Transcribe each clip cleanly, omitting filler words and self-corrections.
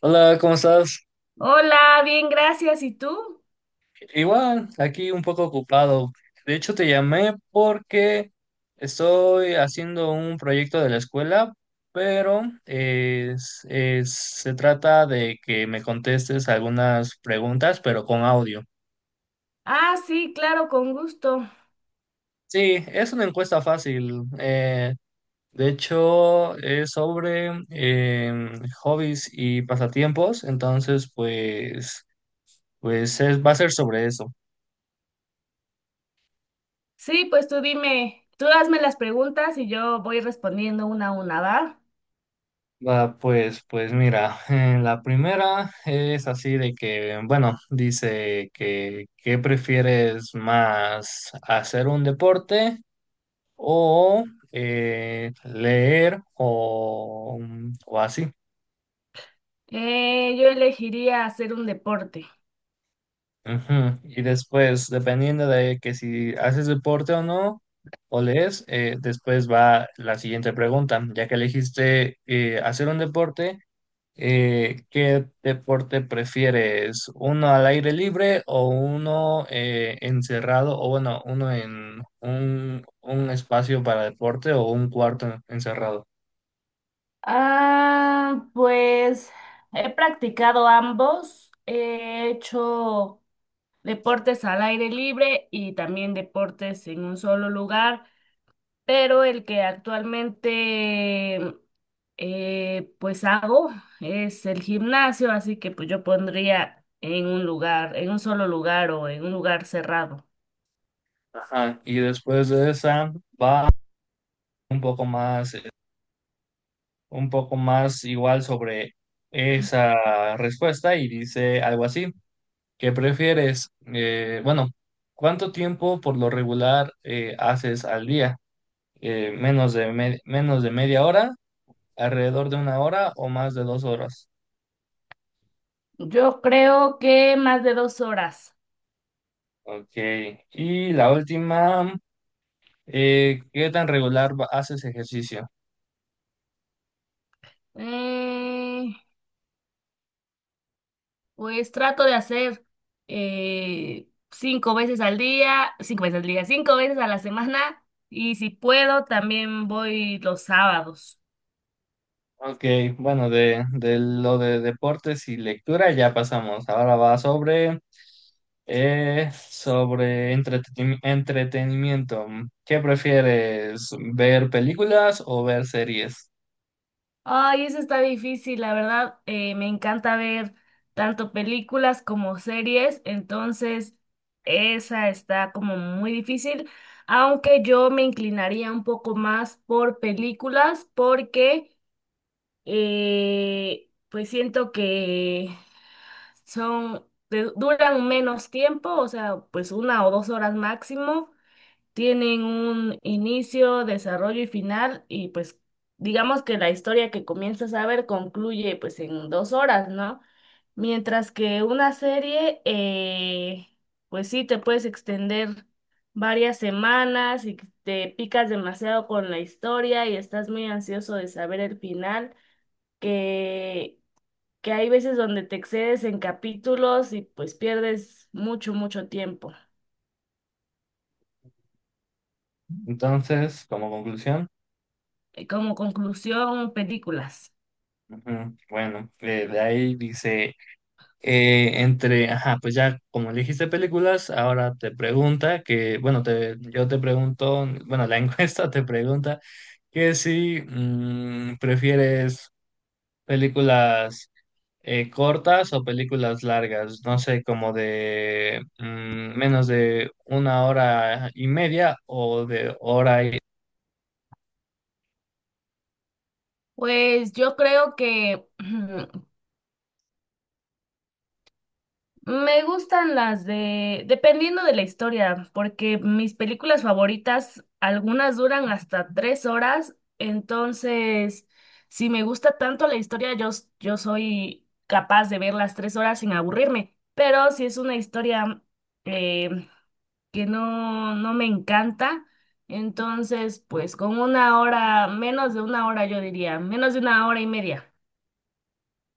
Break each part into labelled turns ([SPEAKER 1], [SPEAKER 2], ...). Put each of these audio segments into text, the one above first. [SPEAKER 1] Hola, ¿cómo estás?
[SPEAKER 2] Hola, bien, gracias. ¿Y tú?
[SPEAKER 1] Igual, aquí un poco ocupado. De hecho, te llamé porque estoy haciendo un proyecto de la escuela, pero se trata de que me contestes algunas preguntas, pero con audio.
[SPEAKER 2] Ah, sí, claro, con gusto.
[SPEAKER 1] Sí, es una encuesta fácil. De hecho, es sobre hobbies y pasatiempos, entonces, pues, va a ser sobre eso.
[SPEAKER 2] Sí, pues tú dime, tú hazme las preguntas y yo voy respondiendo una a una, ¿va?
[SPEAKER 1] Va, pues, pues mira, la primera es así de que, bueno, dice que ¿qué prefieres más, hacer un deporte o leer o o así?
[SPEAKER 2] Yo elegiría hacer un deporte.
[SPEAKER 1] Ujú. Y después, dependiendo de que si haces deporte o no, o lees, después va la siguiente pregunta, ya que elegiste hacer un deporte. ¿Qué deporte prefieres? ¿Uno al aire libre o uno encerrado? O bueno, uno en un espacio para deporte o un cuarto encerrado.
[SPEAKER 2] Ah, pues he practicado ambos. He hecho deportes al aire libre y también deportes en un solo lugar. Pero el que actualmente pues hago es el gimnasio, así que pues yo pondría en un lugar, en un solo lugar o en un lugar cerrado.
[SPEAKER 1] Ajá. Y después de esa va un poco más, eh, un poco más igual sobre esa respuesta y dice algo así. ¿Qué prefieres? Bueno, ¿cuánto tiempo por lo regular haces al día? Menos de media hora, alrededor de una hora o más de dos horas.
[SPEAKER 2] Yo creo que más de 2 horas.
[SPEAKER 1] Ok. Y la última, ¿qué tan regular haces ejercicio?
[SPEAKER 2] Eh, pues trato de hacer cinco veces al día, 5 veces a la semana y si puedo también voy los sábados.
[SPEAKER 1] Ok, bueno, de lo de deportes y lectura ya pasamos. Ahora va sobre, sobre entretenimiento. ¿Qué prefieres, ver películas o ver series?
[SPEAKER 2] Ay, eso está difícil, la verdad. Me encanta ver tanto películas como series, entonces esa está como muy difícil, aunque yo me inclinaría un poco más por películas porque pues siento que te duran menos tiempo, o sea, pues 1 o 2 horas máximo tienen un inicio, desarrollo y final, y pues digamos que la historia que comienzas a ver concluye pues en 2 horas, ¿no? Mientras que una serie, pues sí, te puedes extender varias semanas y te picas demasiado con la historia y estás muy ansioso de saber el final, que, que hay veces donde te excedes en capítulos y pues pierdes mucho, mucho tiempo.
[SPEAKER 1] Entonces, como conclusión,
[SPEAKER 2] Como conclusión, películas.
[SPEAKER 1] ujú, bueno, de ahí dice, eh, entre, ajá, pues ya como elegiste películas, ahora te pregunta que, bueno, te, yo te pregunto, bueno, la encuesta te pregunta que si prefieres películas cortas o películas largas, no sé, como de menos de una hora y media o de hora y...
[SPEAKER 2] Pues yo creo que me gustan las de, dependiendo de la historia, porque mis películas favoritas, algunas duran hasta 3 horas, entonces si me gusta tanto la historia, yo soy capaz de ver las 3 horas sin aburrirme, pero si es una historia eh, que no, no me encanta, entonces pues con 1 hora, menos de 1 hora yo diría, menos de 1 hora y media.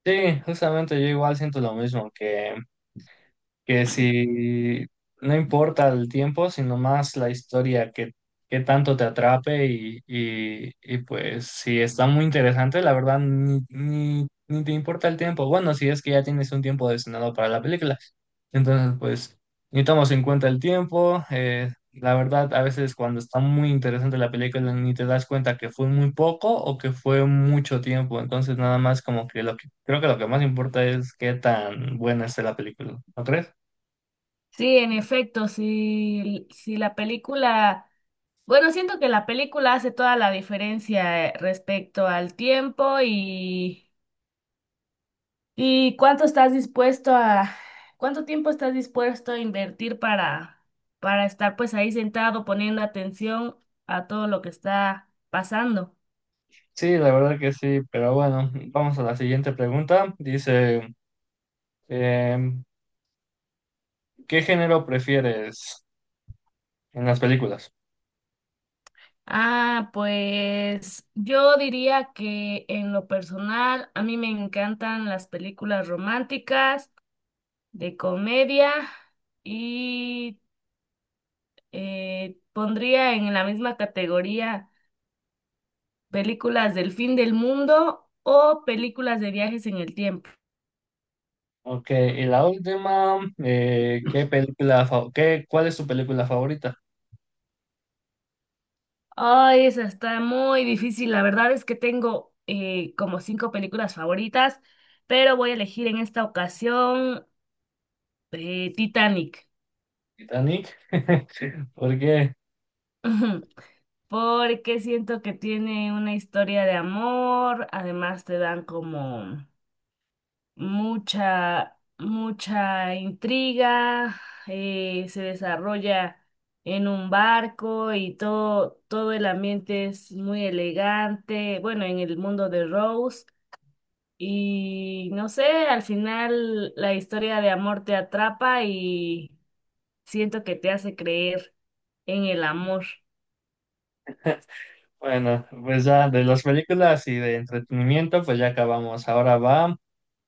[SPEAKER 1] Sí, justamente yo igual siento lo mismo, que si no importa el tiempo, sino más la historia que tanto te atrape y pues si está muy interesante, la verdad ni te importa el tiempo. Bueno, si es que ya tienes un tiempo destinado para la película. Entonces, pues ni tomas en cuenta el tiempo. La verdad, a veces cuando está muy interesante la película, ni te das cuenta que fue muy poco o que fue mucho tiempo. Entonces, nada más como que lo que creo que lo que más importa es qué tan buena esté la película. ¿No crees?
[SPEAKER 2] Sí, en efecto, si la película, bueno, siento que la película hace toda la diferencia respecto al tiempo y cuánto tiempo estás dispuesto a invertir para estar pues ahí sentado poniendo atención a todo lo que está pasando.
[SPEAKER 1] Sí, la verdad que sí, pero bueno, vamos a la siguiente pregunta. Dice, em, ¿qué género prefieres en las películas?
[SPEAKER 2] Ah, pues yo diría que en lo personal a mí me encantan las películas románticas, de comedia y pondría en la misma categoría películas del fin del mundo o películas de viajes en el tiempo.
[SPEAKER 1] Ok, y la última, ¿qué película, cuál es tu película favorita?
[SPEAKER 2] Ay, esa está muy difícil. La verdad es que tengo como cinco películas favoritas, pero voy a elegir en esta ocasión Titanic.
[SPEAKER 1] Titanic. ¿Por qué?
[SPEAKER 2] Porque siento que tiene una historia de amor, además te dan como mucha, mucha intriga, se desarrolla en un barco y todo, todo el ambiente es muy elegante, bueno, en el mundo de Rose. Y no sé, al final la historia de amor te atrapa y siento que te hace creer en el amor.
[SPEAKER 1] Bueno, pues ya de las películas y de entretenimiento, pues ya acabamos. Ahora va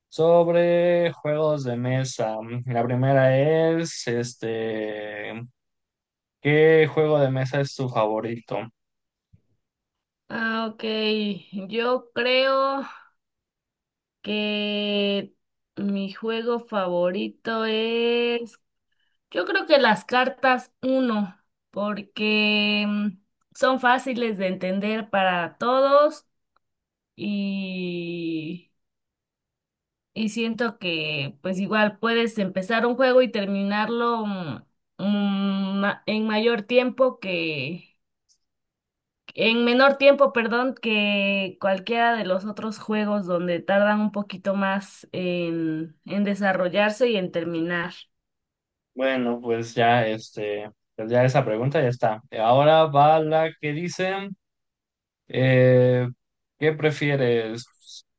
[SPEAKER 1] sobre juegos de mesa. La primera es, este, ¿qué juego de mesa es tu favorito?
[SPEAKER 2] Ah, ok, yo creo que mi juego favorito es, yo creo que las cartas uno, porque son fáciles de entender para todos y, y siento que pues igual puedes empezar un juego y terminarlo en mayor tiempo que, en menor tiempo, perdón, que cualquiera de los otros juegos donde tardan un poquito más en desarrollarse y en terminar.
[SPEAKER 1] Bueno, pues ya este, pues ya esa pregunta ya está. Ahora va la que dice, eh, ¿qué prefieres?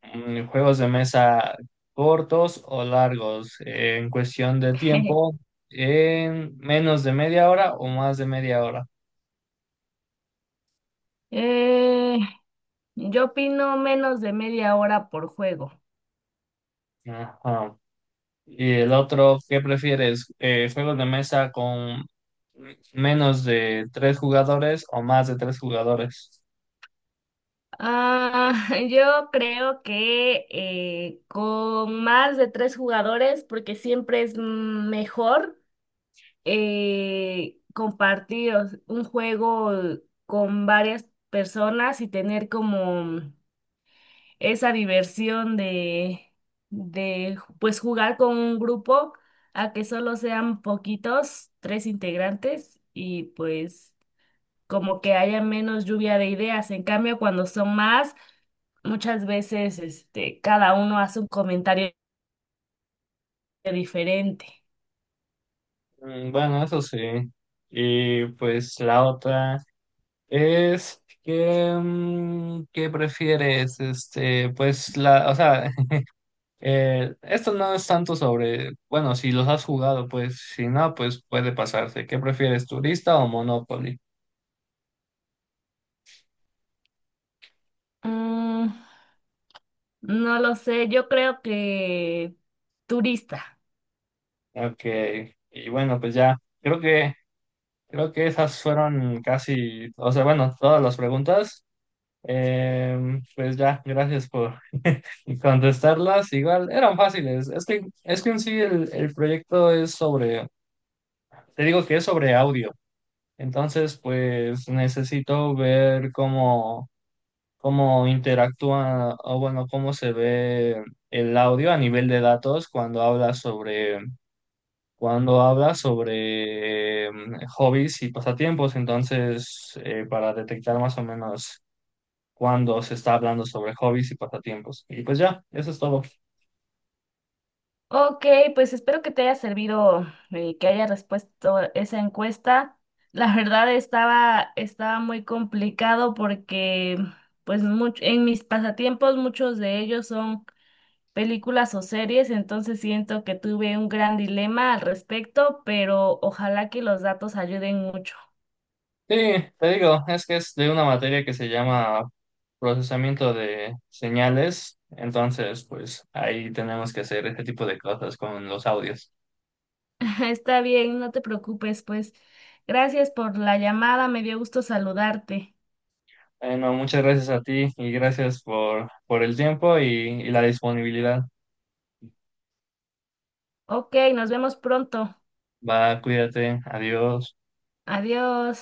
[SPEAKER 1] Mm, ¿juegos de mesa cortos o largos? En cuestión de tiempo, ¿en menos de media hora o más de media hora?
[SPEAKER 2] Eh, Yo opino menos de media hora por juego.
[SPEAKER 1] Ajá. Y el otro, ¿qué prefieres? ¿Juegos de mesa con menos de tres jugadores o más de tres jugadores?
[SPEAKER 2] Ah, yo creo que con más de tres jugadores, porque siempre es mejor compartir un juego con varias personas y tener como esa diversión de pues jugar con un grupo a que solo sean poquitos, tres integrantes y pues como que haya menos lluvia de ideas. En cambio, cuando son más, muchas veces este, cada uno hace un comentario diferente.
[SPEAKER 1] Mm, bueno, eso sí. Y pues la otra es que, mm, ¿qué prefieres? Este, pues la, o sea, esto no es tanto sobre, bueno, si los has jugado, pues si no, pues puede pasarse. ¿Qué prefieres, turista o Monopoly?
[SPEAKER 2] Mm, no lo sé, yo creo que turista.
[SPEAKER 1] Ok, y bueno, pues ya, creo que esas fueron casi, o sea, bueno, todas las preguntas. Em, pues ya, gracias por... Y contestarlas, igual eran fáciles. Es que en sí el proyecto es sobre, te digo que es sobre audio. Entonces, pues necesito ver cómo, cómo interactúa o bueno, cómo se ve el audio a nivel de datos cuando habla sobre hobbies y pasatiempos. Entonces, para detectar más o menos cuando se está hablando sobre hobbies y pasatiempos. Y pues ya, eso es todo.
[SPEAKER 2] Ok, pues espero que te haya servido, que haya respuesto esa encuesta. La verdad estaba muy complicado porque pues en mis pasatiempos muchos de ellos son películas o series, entonces siento que tuve un gran dilema al respecto, pero ojalá que los datos ayuden mucho.
[SPEAKER 1] Sí, te digo, es que es de una materia que se llama procesamiento de señales, entonces pues ahí tenemos que hacer este tipo de cosas con los audios.
[SPEAKER 2] Está bien, no te preocupes, pues. Gracias por la llamada, me dio gusto saludarte.
[SPEAKER 1] Bueno, muchas gracias a ti y gracias por el tiempo y la disponibilidad.
[SPEAKER 2] Ok, nos vemos pronto.
[SPEAKER 1] Va, cuídate, adiós.
[SPEAKER 2] Adiós.